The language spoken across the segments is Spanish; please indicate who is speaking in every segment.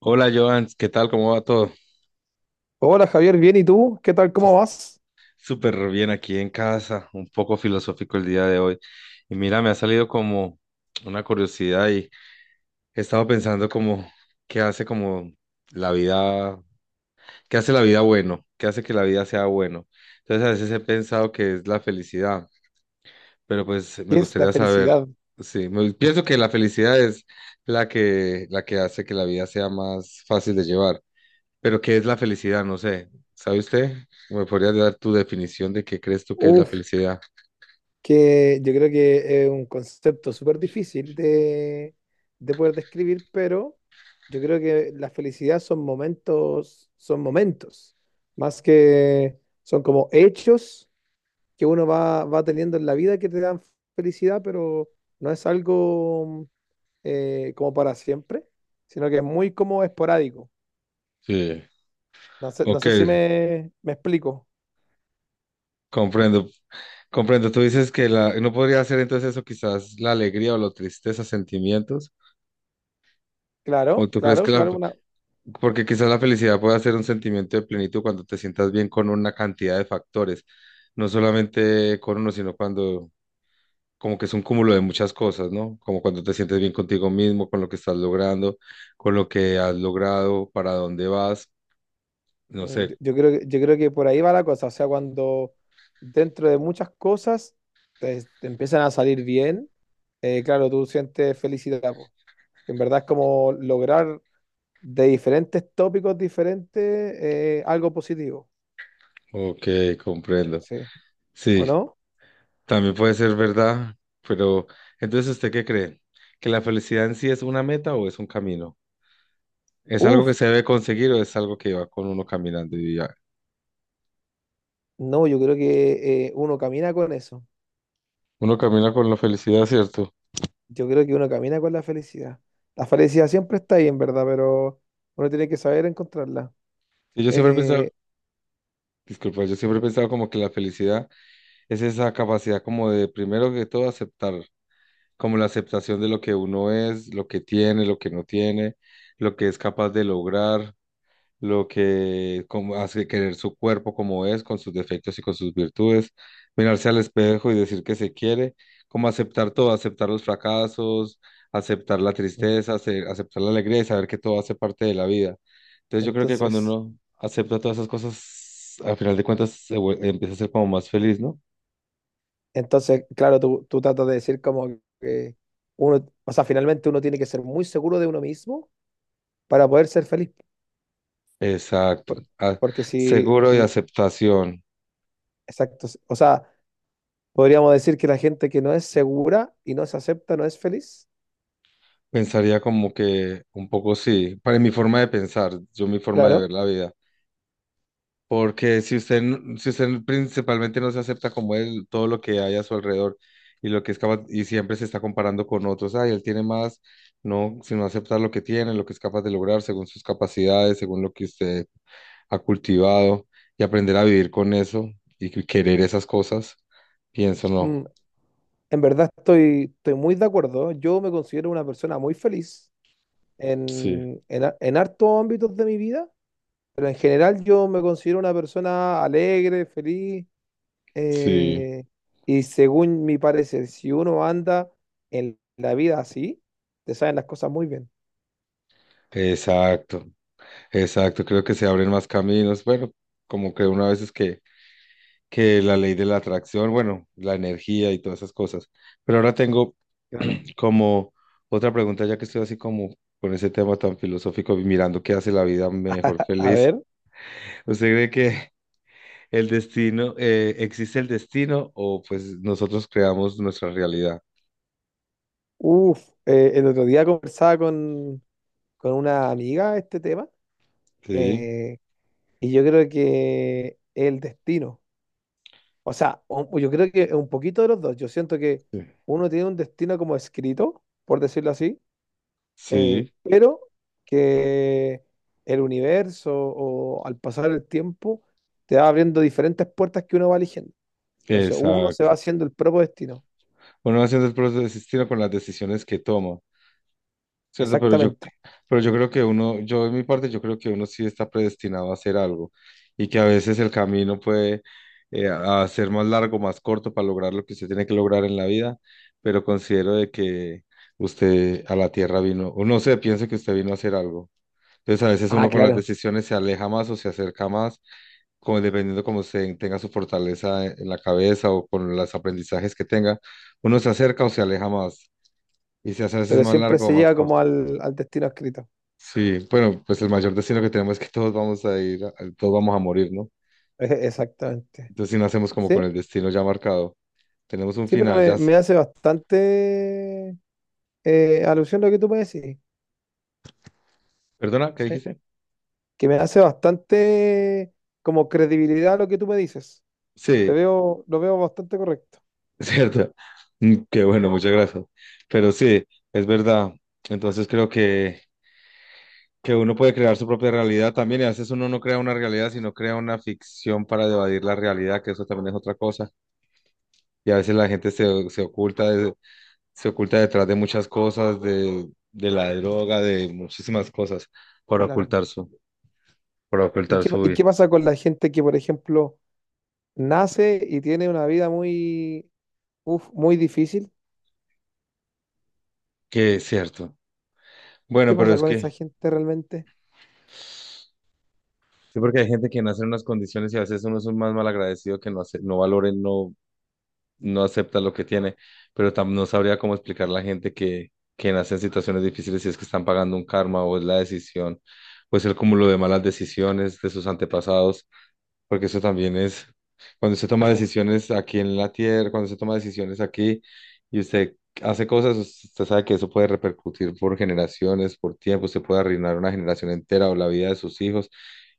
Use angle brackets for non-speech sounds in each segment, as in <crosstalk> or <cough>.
Speaker 1: Hola Joan, ¿qué tal? ¿Cómo va todo?
Speaker 2: Hola Javier, bien, ¿y tú? ¿Qué tal? ¿Cómo
Speaker 1: Sus-
Speaker 2: vas?
Speaker 1: Súper bien aquí en casa, un poco filosófico el día de hoy. Y mira, me ha salido como una curiosidad y he estado pensando como qué hace como la vida, qué hace la vida bueno, qué hace que la vida sea bueno. Entonces a veces he pensado que es la felicidad, pero pues me
Speaker 2: ¿Qué es la
Speaker 1: gustaría saber,
Speaker 2: felicidad?
Speaker 1: sí, pienso que la felicidad es la que hace que la vida sea más fácil de llevar. Pero ¿qué es la felicidad? No sé. ¿Sabe usted? ¿Me podría dar tu definición de qué crees tú que es la
Speaker 2: Uf,
Speaker 1: felicidad?
Speaker 2: que yo creo que es un concepto súper difícil de poder describir, pero yo creo que la felicidad son momentos, más que son como hechos que uno va teniendo en la vida que te dan felicidad, pero no es algo como para siempre, sino que es muy como esporádico.
Speaker 1: Sí.
Speaker 2: No sé, no
Speaker 1: Ok,
Speaker 2: sé si me explico.
Speaker 1: comprendo. Comprendo. Tú dices que la no podría ser entonces eso quizás la alegría o la tristeza, sentimientos. ¿O
Speaker 2: Claro,
Speaker 1: tú crees
Speaker 2: claro,
Speaker 1: que la?
Speaker 2: claro, una,
Speaker 1: Porque quizás la felicidad pueda ser un sentimiento de plenitud cuando te sientas bien con una cantidad de factores. No solamente con uno, sino cuando. Como que es un cúmulo de muchas cosas, ¿no? Como cuando te sientes bien contigo mismo, con lo que estás logrando, con lo que has logrado, para dónde vas. No sé,
Speaker 2: yo creo que, yo creo que por ahí va la cosa, o sea, cuando dentro de muchas cosas te empiezan a salir bien, claro, tú sientes felicidad, po. Que en verdad es como lograr de diferentes tópicos diferentes algo positivo.
Speaker 1: ok, comprendo.
Speaker 2: Sí, ¿o
Speaker 1: Sí,
Speaker 2: no?
Speaker 1: también puede ser verdad, pero entonces ¿usted qué cree? ¿Que la felicidad en sí es una meta o es un camino? ¿Es algo que
Speaker 2: Uf,
Speaker 1: se debe conseguir o es algo que va con uno caminando y ya?
Speaker 2: no, yo creo que uno camina con eso,
Speaker 1: Uno camina con la felicidad, ¿cierto?
Speaker 2: yo creo que uno camina con la felicidad. La felicidad siempre está ahí, en verdad, pero uno tiene que saber encontrarla.
Speaker 1: Y yo siempre he pensado,
Speaker 2: Eh,
Speaker 1: disculpa, yo siempre he pensado como que la felicidad es esa capacidad como de primero que todo aceptar, como la aceptación de lo que uno es, lo que tiene, lo que no tiene, lo que es capaz de lograr lo que como hace querer su cuerpo como es, con sus defectos y con sus virtudes, mirarse al espejo y decir que se quiere, como aceptar todo, aceptar los fracasos, aceptar la
Speaker 2: mm.
Speaker 1: tristeza, aceptar la alegría y saber que todo hace parte de la vida. Entonces yo creo que cuando
Speaker 2: Entonces,
Speaker 1: uno acepta todas esas cosas, al final de cuentas empieza a ser como más feliz, ¿no?
Speaker 2: entonces, claro, tú tratas de decir como que uno, o sea, finalmente uno tiene que ser muy seguro de uno mismo para poder ser feliz.
Speaker 1: Exacto.
Speaker 2: Por-
Speaker 1: Ah,
Speaker 2: Porque si,
Speaker 1: seguro y aceptación.
Speaker 2: exacto, o sea, podríamos decir que la gente que no es segura y no se acepta no es feliz.
Speaker 1: Pensaría como que un poco sí, para mi forma de pensar, yo mi forma de ver
Speaker 2: Claro.
Speaker 1: la vida. Porque si usted, si usted principalmente no se acepta como él, todo lo que hay a su alrededor y lo que es capaz, y siempre se está comparando con otros, ay, él tiene más, no, sino aceptar lo que tiene, lo que es capaz de lograr según sus capacidades, según lo que usted ha cultivado y aprender a vivir con eso y querer esas cosas, pienso
Speaker 2: mm,
Speaker 1: no.
Speaker 2: en verdad estoy muy de acuerdo. Yo me considero una persona muy feliz
Speaker 1: Sí,
Speaker 2: en hartos ámbitos de mi vida, pero en general yo me considero una persona alegre, feliz.
Speaker 1: sí,
Speaker 2: Eh, y según mi parecer, si uno anda en la vida así, te saben las cosas muy bien.
Speaker 1: exacto, exacto, creo que se abren más caminos, bueno, como que una vez es que la ley de la atracción, bueno, la energía y todas esas cosas. Pero ahora tengo
Speaker 2: Claro.
Speaker 1: como otra pregunta, ya que estoy así como con ese tema tan filosófico y mirando qué hace la vida mejor
Speaker 2: A
Speaker 1: feliz.
Speaker 2: ver,
Speaker 1: <laughs> ¿Usted cree que el destino, existe el destino o pues nosotros creamos nuestra realidad?
Speaker 2: uff, el otro día conversaba con una amiga este tema,
Speaker 1: Sí,
Speaker 2: eh, y yo creo que el destino, o sea, yo creo que un poquito de los dos, yo siento que
Speaker 1: sí,
Speaker 2: uno tiene un destino como escrito, por decirlo así,
Speaker 1: sí,
Speaker 2: pero que el universo o al pasar el tiempo te va abriendo diferentes puertas que uno va eligiendo. Entonces uno se
Speaker 1: exacto.
Speaker 2: va haciendo el propio destino.
Speaker 1: Uno haciendo el proceso de destino con las decisiones que toma. Cierto,
Speaker 2: Exactamente.
Speaker 1: pero yo creo que uno, yo en mi parte, yo creo que uno sí está predestinado a hacer algo y que a veces el camino puede a ser más largo, más corto para lograr lo que usted tiene que lograr en la vida, pero considero de que usted a la tierra vino, o no sé, pienso que usted vino a hacer algo. Entonces a veces
Speaker 2: Ah,
Speaker 1: uno con las
Speaker 2: claro.
Speaker 1: decisiones se aleja más o se acerca más, como dependiendo como se tenga su fortaleza en la cabeza o con los aprendizajes que tenga, uno se acerca o se aleja más y se hace a veces
Speaker 2: Pero
Speaker 1: más
Speaker 2: siempre
Speaker 1: largo o
Speaker 2: se
Speaker 1: más
Speaker 2: llega como
Speaker 1: corto.
Speaker 2: al destino escrito. <laughs>
Speaker 1: Sí, bueno, pues el mayor destino que tenemos es que todos vamos a ir, todos vamos a morir, ¿no?
Speaker 2: Exactamente.
Speaker 1: Entonces, si nacemos como
Speaker 2: Sí,
Speaker 1: con el destino ya marcado, tenemos un
Speaker 2: sí, pero
Speaker 1: final, ya.
Speaker 2: me, me hace bastante alusión lo que tú me decís.
Speaker 1: ¿Perdona? ¿Qué
Speaker 2: Sí.
Speaker 1: dijiste?
Speaker 2: Que me hace bastante como credibilidad lo que tú me dices. Te
Speaker 1: Sí,
Speaker 2: veo, lo veo bastante correcto.
Speaker 1: <laughs> cierto. Mm, qué
Speaker 2: Sí,
Speaker 1: bueno, muchas gracias. Pero sí, es verdad. Entonces, creo que uno puede crear su propia realidad también, y a veces uno no crea una realidad, sino crea una ficción para evadir la realidad, que eso también es otra cosa. Y a veces la gente se oculta detrás de muchas cosas, de la droga, de muchísimas cosas, para
Speaker 2: claro.
Speaker 1: ocultar su, para ocultar su
Speaker 2: Y
Speaker 1: vida,
Speaker 2: qué pasa con la gente que, por ejemplo, nace y tiene una vida muy, uf, muy difícil?
Speaker 1: que es cierto.
Speaker 2: ¿Qué
Speaker 1: Bueno, pero
Speaker 2: pasa
Speaker 1: es
Speaker 2: con
Speaker 1: que,
Speaker 2: esa gente realmente?
Speaker 1: sí, porque hay gente que nace en unas condiciones y a veces uno es un más malagradecido que no, no valora, y no, no acepta lo que tiene, pero no sabría cómo explicar a la gente que nace en situaciones difíciles si es que están pagando un karma o es la decisión, pues el cúmulo de malas decisiones de sus antepasados. Porque eso también es, cuando usted
Speaker 2: O
Speaker 1: toma
Speaker 2: sea,
Speaker 1: decisiones aquí en la tierra, cuando usted toma decisiones aquí y usted hace cosas, usted sabe que eso puede repercutir por generaciones, por tiempo, usted puede arruinar una generación entera o la vida de sus hijos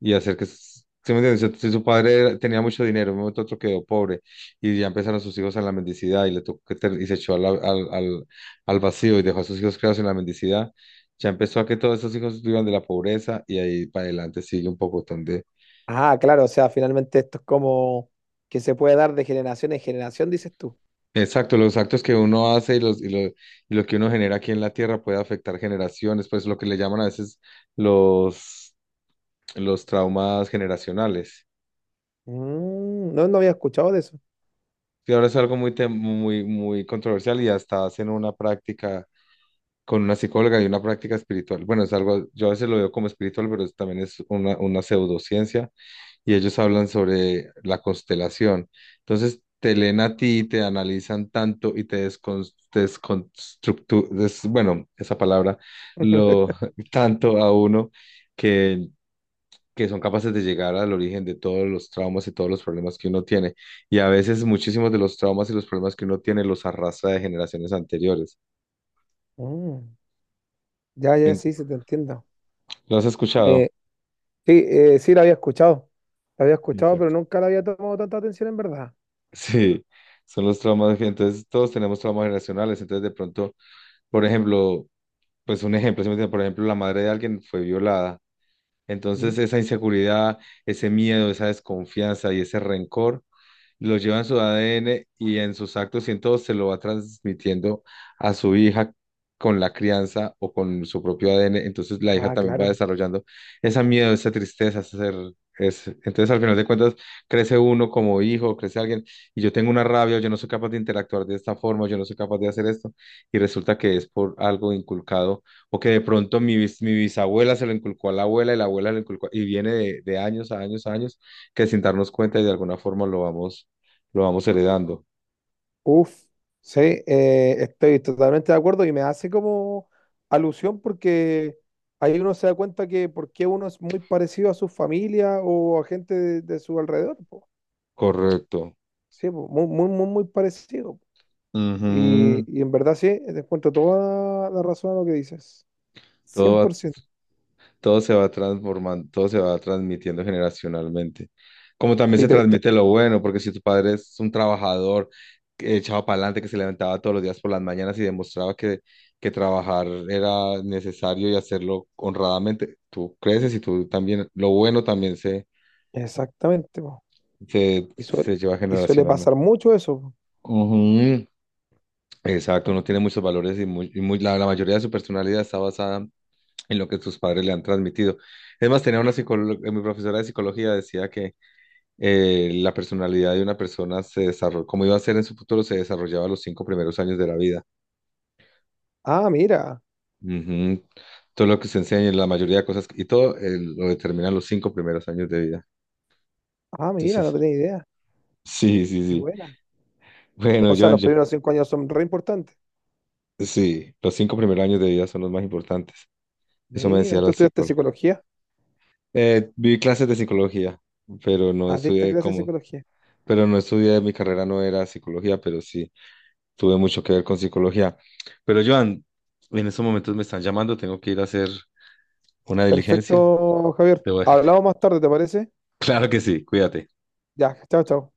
Speaker 1: y hacer que. ¿Sí me entiende? Si su padre tenía mucho dinero, en un momento otro quedó pobre y ya empezaron sus hijos a la mendicidad y le tocó que y se echó a la- al, al, al vacío y dejó a sus hijos creados en la mendicidad, ya empezó a que todos esos hijos vivan de la pobreza y ahí para adelante sigue un pocotón de.
Speaker 2: ah, claro, o sea, finalmente esto es como que se puede dar de generación en generación, dices tú.
Speaker 1: Exacto, los actos que uno hace y, lo que uno genera aquí en la Tierra puede afectar generaciones, pues lo que le llaman a veces los, los traumas generacionales.
Speaker 2: Mm, no, no había escuchado de eso.
Speaker 1: Y ahora es algo muy, muy controversial y hasta hacen una práctica con una psicóloga y una práctica espiritual. Bueno, es algo, yo a veces lo veo como espiritual, pero también es una pseudociencia y ellos hablan sobre la constelación. Entonces, te leen a ti, te analizan tanto y te descon- te desconstructu, des- bueno, esa palabra, lo
Speaker 2: <laughs>
Speaker 1: <laughs> tanto a uno que, que son capaces de llegar al origen de todos los traumas y todos los problemas que uno tiene. Y a veces muchísimos de los traumas y los problemas que uno tiene los arrastra de generaciones anteriores.
Speaker 2: Mm, ya, ya, sí, se te entiendo.
Speaker 1: ¿Lo has escuchado?
Speaker 2: Eh, sí, sí, la había escuchado. La había escuchado, pero
Speaker 1: Exacto. <laughs>
Speaker 2: nunca la había tomado tanta atención en verdad.
Speaker 1: Sí, son los traumas. Entonces, todos tenemos traumas generacionales. Entonces, de pronto, por ejemplo, pues un ejemplo, ¿sí me entiendes? Por ejemplo, la madre de alguien fue violada.
Speaker 2: Mm.
Speaker 1: Entonces, esa inseguridad, ese miedo, esa desconfianza y ese rencor lo lleva en su ADN y en sus actos y en todo se lo va transmitiendo a su hija con la crianza o con su propio ADN. Entonces la hija
Speaker 2: Ah,
Speaker 1: también va
Speaker 2: claro.
Speaker 1: desarrollando ese miedo, esa tristeza, ese ser. Es, entonces al final de cuentas crece uno como hijo, crece alguien y yo tengo una rabia, yo no soy capaz de interactuar de esta forma, yo no soy capaz de hacer esto y resulta que es por algo inculcado o que de pronto mi bisabuela se lo inculcó a la abuela y la abuela lo inculcó y viene de años a años a años que sin darnos cuenta y de alguna forma lo vamos heredando.
Speaker 2: Uf, sí, estoy totalmente de acuerdo y me hace como alusión porque ahí uno se da cuenta que por qué uno es muy parecido a su familia o a gente de su alrededor, po.
Speaker 1: Correcto.
Speaker 2: Sí, po, muy, muy, muy, muy parecido, po. Y,
Speaker 1: Ujú.
Speaker 2: y en verdad sí, te encuentro toda la razón a lo que dices,
Speaker 1: Todo va-
Speaker 2: 100%.
Speaker 1: todo se va transformando, todo se va transmitiendo generacionalmente. Como también
Speaker 2: Y
Speaker 1: se
Speaker 2: te- te-
Speaker 1: transmite lo bueno, porque si tu padre es un trabajador que echado para adelante, que se levantaba todos los días por las mañanas y demostraba que, trabajar era necesario y hacerlo honradamente, tú creces y tú también, lo bueno también se,
Speaker 2: Exactamente, po.
Speaker 1: se,
Speaker 2: Y suele,
Speaker 1: se lleva
Speaker 2: y suele
Speaker 1: generacionalmente.
Speaker 2: pasar mucho eso, po.
Speaker 1: Ujú. Exacto, no tiene muchos valores y, muy, la mayoría de su personalidad está basada en lo que sus padres le han transmitido. Es más, tenía una psicóloga, mi profesora de psicología decía que la personalidad de una persona se desarrolla, como iba a ser en su futuro, se desarrollaba los 5 primeros años de la vida.
Speaker 2: Ah, mira,
Speaker 1: Ujú. Todo lo que se enseña, la mayoría de cosas, y todo lo determinan los 5 primeros años de vida.
Speaker 2: ah, mira, no
Speaker 1: Entonces,
Speaker 2: tenía idea.
Speaker 1: sí, sí,
Speaker 2: Qué
Speaker 1: sí.
Speaker 2: buena.
Speaker 1: Bueno,
Speaker 2: O sea,
Speaker 1: Joan,
Speaker 2: los primeros 5 años son re importantes.
Speaker 1: sí, los 5 primeros años de vida son los más importantes. Eso me decía
Speaker 2: Mira,
Speaker 1: la
Speaker 2: tú estudiaste
Speaker 1: psicóloga.
Speaker 2: psicología.
Speaker 1: Vi clases de psicología, pero no
Speaker 2: Adicta a
Speaker 1: estudié
Speaker 2: clase de
Speaker 1: como,
Speaker 2: psicología.
Speaker 1: pero no estudié, mi carrera no era psicología, pero sí. Tuve mucho que ver con psicología. Pero Joan, en estos momentos me están llamando, tengo que ir a hacer una diligencia.
Speaker 2: Perfecto, Javier.
Speaker 1: Debo dejarte.
Speaker 2: Hablamos
Speaker 1: <laughs>
Speaker 2: más tarde, ¿te parece?
Speaker 1: Claro que sí, cuídate.
Speaker 2: Ya, chao, chao.